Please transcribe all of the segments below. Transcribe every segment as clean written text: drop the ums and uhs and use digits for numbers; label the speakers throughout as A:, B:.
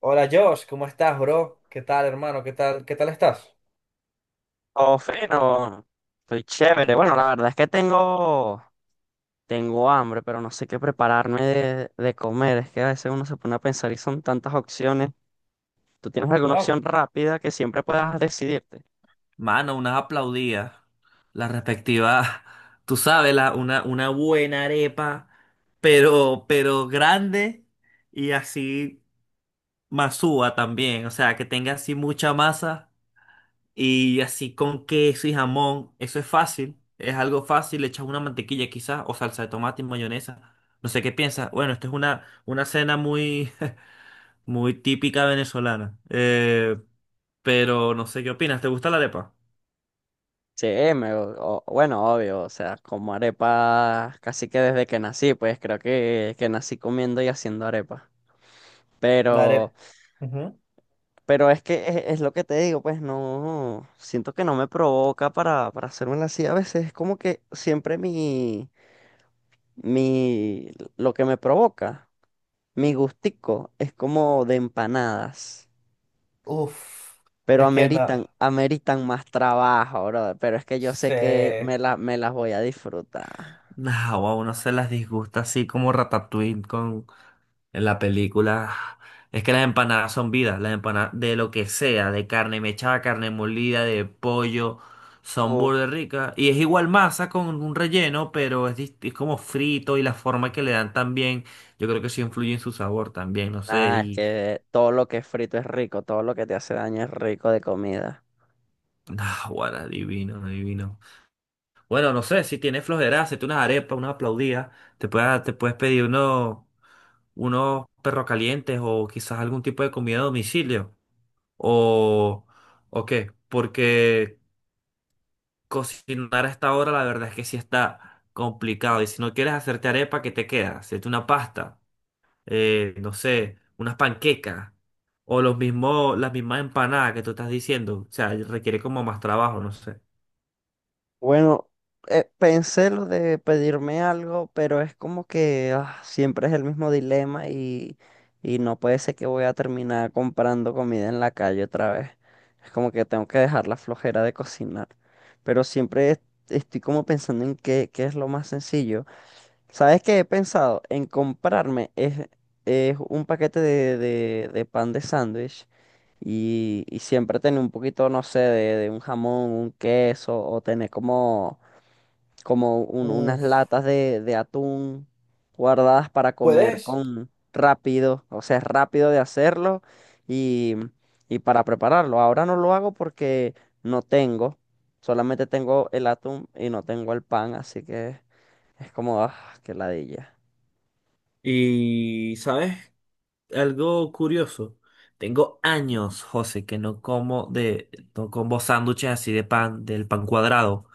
A: Hola Josh, ¿cómo estás, bro? ¿Qué tal, hermano? ¿Qué tal? ¿Qué tal estás?
B: Oh, fino. Estoy chévere. Bueno, la verdad es que tengo hambre, pero no sé qué prepararme de comer. Es que a veces uno se pone a pensar y son tantas opciones. ¿Tú tienes alguna
A: No.
B: opción rápida que siempre puedas decidirte?
A: Mano, unas aplaudidas. La respectiva, tú sabes, una buena arepa, pero grande y así masúa también. O sea, que tenga así mucha masa y así con queso y jamón. Eso es fácil, es algo fácil. Le echas una mantequilla quizás o salsa de tomate y mayonesa. No sé qué piensas. Bueno, esto es una cena muy, muy típica venezolana. Pero no sé qué opinas. ¿Te gusta la arepa?
B: Sí, bueno, obvio. O sea, como arepa casi que desde que nací, pues creo que nací comiendo y haciendo arepa.
A: La arepa.
B: Pero, pero es que es lo que te digo, pues no, siento que no me provoca para hacérmela así. A veces es como que siempre mi... Mi, lo que me provoca, mi gustico, es como de empanadas,
A: Uf,
B: pero
A: es que no
B: ameritan más trabajo, brother. Pero es que yo sé que
A: sé.
B: me las voy a disfrutar.
A: Nah, a uno se las disgusta así como Ratatouille con en la película. Es que las empanadas son vidas, las empanadas de lo que sea, de carne mechada, carne molida, de pollo, son
B: O-
A: burda ricas. Y es igual masa con un relleno, pero es como frito y la forma que le dan también, yo creo que sí influye en su sabor también, no sé,
B: Ah, es
A: y.
B: que todo lo que es frito es rico, todo lo que te hace daño es rico de comida.
A: Ah, guara, divino, divino. Bueno, no sé, si tienes flojera, hacete unas arepas, una aplaudida, te puedes pedir unos perros calientes o quizás algún tipo de comida a domicilio o, o qué, Porque cocinar a esta hora la verdad es que sí está complicado y si no quieres hacerte arepa, ¿qué te queda? Hacerte una pasta, no sé, unas panquecas o las mismas empanadas que tú estás diciendo, o sea, requiere como más trabajo, no sé.
B: Bueno, pensé lo de pedirme algo, pero es como que ah, siempre es el mismo dilema y no puede ser que voy a terminar comprando comida en la calle otra vez. Es como que tengo que dejar la flojera de cocinar. Pero estoy como pensando en qué, qué es lo más sencillo. ¿Sabes qué he pensado? En es un paquete de pan de sándwich y siempre tener un poquito, no sé, de un jamón, un queso o tener como,
A: Mm.
B: unas latas de atún guardadas para comer
A: Puedes.
B: con rápido, o sea, es rápido de hacerlo y, y para prepararlo. Ahora no lo hago porque no tengo, solamente tengo el atún y no tengo el pan, así que es como, ah, qué ladilla.
A: Y, ¿sabes?, algo curioso. Tengo años, José, que no como sándwiches así de pan, del pan cuadrado.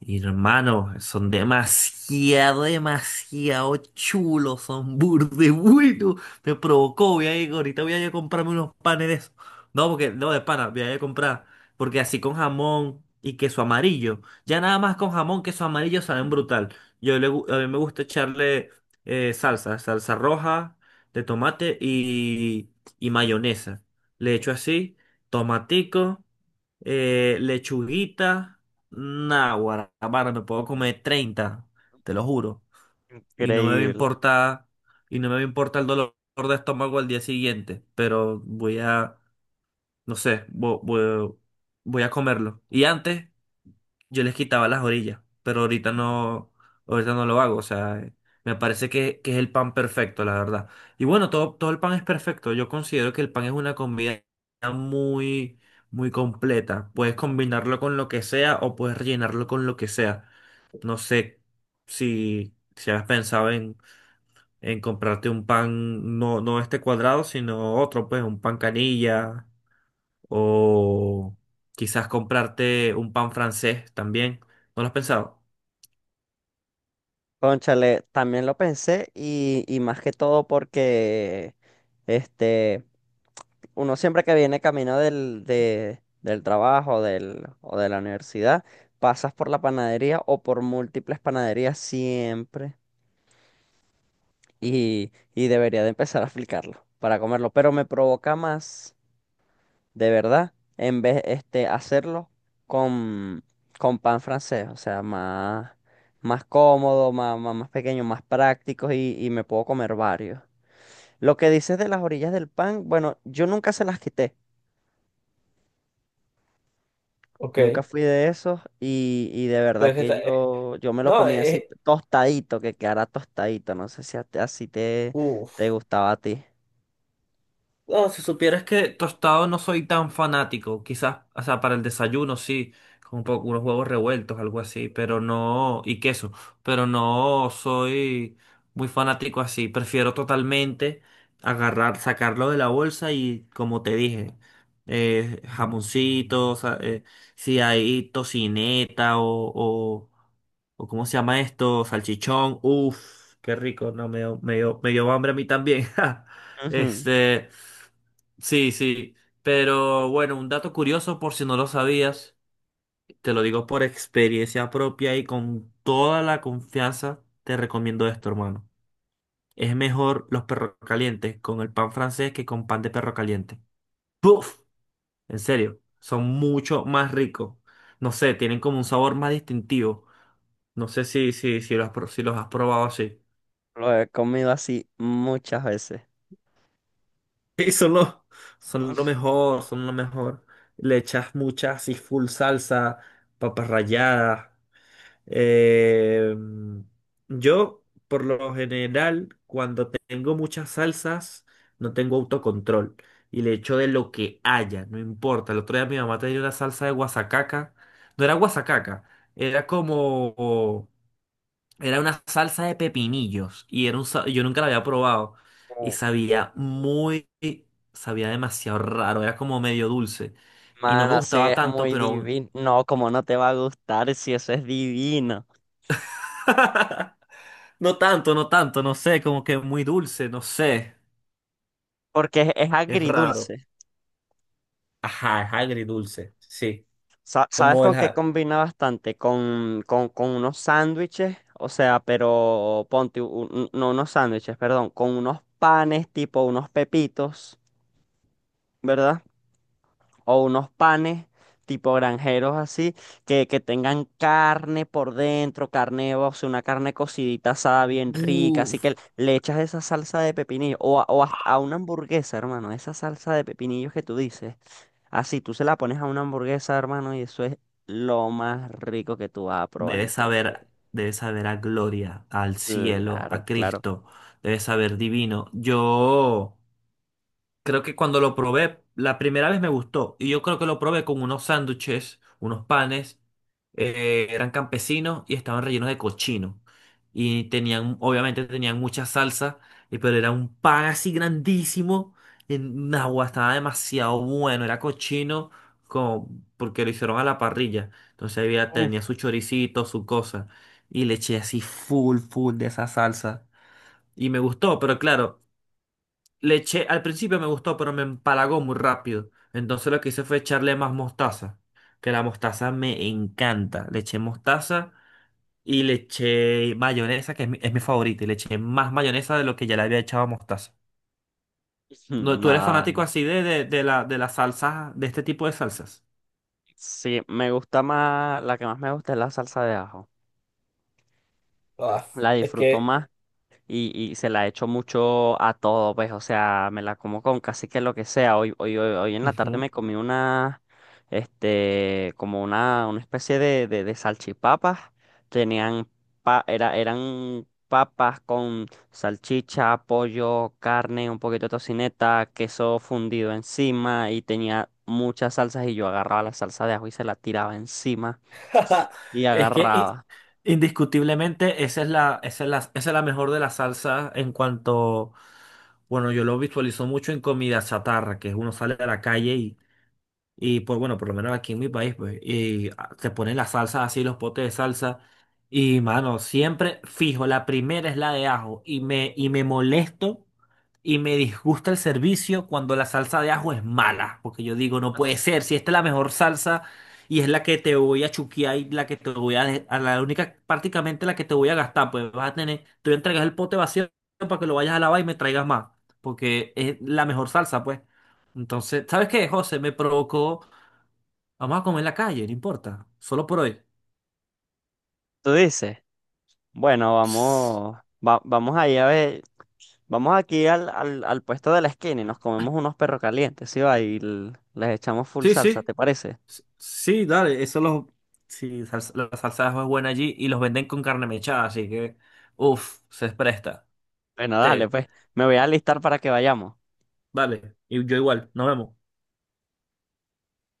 A: Hermano, son demasiado, demasiado chulos, son burde buenos. Me provocó, ahorita voy a ir a comprarme unos panes de esos. No, porque, no, de pana, voy a ir a comprar. Porque así con jamón y queso amarillo. Ya nada más con jamón, queso amarillo saben brutal. A mí me gusta echarle salsa roja de tomate y mayonesa. Le echo así, tomatico, lechuguita. Nah, mano, me puedo comer 30, te lo juro. Y no me va a
B: Increíble.
A: importar, y no me va a importar el dolor de estómago al día siguiente, pero voy a, no sé, voy, a comerlo. Y antes yo les quitaba las orillas, pero ahorita no lo hago, o sea, me parece que es el pan perfecto, la verdad. Y bueno, todo el pan es perfecto. Yo considero que el pan es una comida muy, muy completa. Puedes combinarlo con lo que sea o puedes rellenarlo con lo que sea. No sé si has pensado en comprarte un pan, no, no este cuadrado, sino otro, pues un pan canilla o quizás comprarte un pan francés también. ¿No lo has pensado?
B: Cónchale, también lo pensé y más que todo porque este, uno siempre que viene camino del trabajo del, o de la universidad, pasas por la panadería o por múltiples panaderías siempre y debería de empezar a aplicarlo para comerlo, pero me provoca más de verdad, en vez este hacerlo con, con pan francés, o sea, más, más, cómodo, más pequeño, más práctico y me puedo comer varios. Lo que dices de las orillas del pan, bueno, yo nunca se las quité,
A: Ok,
B: nunca fui de esos y de verdad
A: pues que está,
B: que yo me lo
A: no,
B: comía así
A: es.
B: tostadito, que quedara tostadito, no sé si así te, te gustaba a ti.
A: Oh, si supieras que tostado no soy tan fanático, quizás, o sea, para el desayuno sí, con un poco unos huevos revueltos, algo así, pero no, y queso, pero no soy muy fanático así, prefiero totalmente agarrar, sacarlo de la bolsa y como te dije, jamoncito, o eh, si hay tocineta o, o, o ¿cómo se llama esto? Salchichón, uff, qué rico, no, me dio hambre a mí también.
B: Ujú.
A: Este, sí, sí. Pero bueno, un dato curioso por si no lo sabías, te lo digo por experiencia propia y con toda la confianza, te recomiendo esto, hermano. Es mejor los perros calientes con el pan francés que con pan de perro caliente. ¡Puf! En serio, son mucho más ricos. No sé, tienen como un sabor más distintivo. No sé si los has probado así.
B: Lo he comido así muchas veces.
A: Sí, son lo mejor, son lo mejor. Le echas mucha así full salsa, papas ralladas. Eh, yo, por lo general, cuando tengo muchas salsas, no tengo autocontrol. Y le echo de lo que haya, no importa. El otro día mi mamá tenía una salsa de guasacaca. No era guasacaca, era como era una salsa de pepinillos y era yo nunca la había probado y sabía demasiado raro, era como medio dulce y no me
B: Mano, sí,
A: gustaba
B: es
A: tanto,
B: muy
A: pero aún.
B: divino. No, como no te va a gustar si eso es divino.
A: No tanto, no tanto, no sé, como que muy dulce, no sé,
B: Porque es
A: es raro.
B: agridulce.
A: Ajá, es agridulce, sí.
B: ¿Sabes
A: Como el,
B: con qué
A: ja-.
B: combina bastante? Con unos sándwiches, o sea, pero ponte, no unos sándwiches, perdón, con unos panes tipo unos pepitos, ¿verdad? O unos panes tipo granjeros así, que tengan carne por dentro, carne, o sea, una carne cocidita asada bien rica, así
A: Buf.
B: que le echas esa salsa de pepinillo, o hasta a una hamburguesa, hermano, esa salsa de pepinillos que tú dices, así tú se la pones a una hamburguesa, hermano, y eso es lo más rico que tú vas a probar
A: Debe
B: en tu vida.
A: saber, debe saber a gloria, al cielo, a
B: Claro, claro.
A: Cristo, debe saber divino. Yo. Creo que cuando lo probé, la primera vez me gustó. Y yo creo que lo probé con unos sándwiches, unos panes. Eran campesinos y estaban rellenos de cochino. Y obviamente tenían mucha salsa, pero era un pan así grandísimo. En agua estaba demasiado bueno, era cochino como porque lo hicieron a la parrilla. Entonces tenía
B: Uf.
A: su choricito, su cosa. Y le eché así full, full de esa salsa. Y me gustó, pero claro. Al principio me gustó, pero me empalagó muy rápido. Entonces lo que hice fue echarle más mostaza, que la mostaza me encanta. Le eché mostaza y le eché mayonesa, que es mi favorita, y le eché más mayonesa de lo que ya le había echado mostaza.
B: Mm,
A: No, ¿tú eres fanático
B: nada.
A: así de las salsas, de este tipo de salsas?
B: Sí, me gusta más, la que más me gusta es la salsa de ajo.
A: Ah,
B: La
A: es
B: disfruto
A: que
B: más y se la echo mucho a todo, pues, o sea, me la como con casi que lo que sea. Hoy en la tarde
A: ujú.
B: me comí como una especie de salchipapas. Tenían, Eran papas con salchicha, pollo, carne, un poquito de tocineta, queso fundido encima y tenía muchas salsas y yo agarraba la salsa de ajo y se la tiraba encima y
A: Es que
B: agarraba.
A: indiscutiblemente esa es la mejor de las salsas en cuanto. Bueno, yo lo visualizo mucho en comida chatarra, que uno sale a la calle y, pues bueno, por lo menos aquí en mi país, pues, y te ponen las salsas así, los potes de salsa. Y mano, siempre fijo, la primera es la de ajo. me molesto y me disgusta el servicio cuando la salsa de ajo es mala. Porque yo digo, no puede ser, si esta es la mejor salsa y es la que te voy a chuquear y la que te voy a la única, prácticamente la que te voy a gastar, pues te voy a entregar el pote vacío para que lo vayas a lavar y me traigas más. Porque es la mejor salsa, pues. Entonces, ¿sabes qué, José? Me provocó. Vamos a comer en la calle, no importa. Solo por hoy.
B: ¿Tú dices? Bueno,
A: Ps,
B: vamos, vamos ahí a ver, vamos aquí al puesto de la esquina y nos comemos unos perros calientes, ¿sí va? Y les echamos full
A: Sí,
B: salsa,
A: sí.
B: ¿te parece?
A: Sí, dale. Eso los. Sí, la salsa de ajo es buena allí y los venden con carne mechada, así que. Uf, se presta.
B: Bueno, dale,
A: Te.
B: pues, me voy a alistar para que vayamos.
A: Vale. Y yo igual. Nos vemos.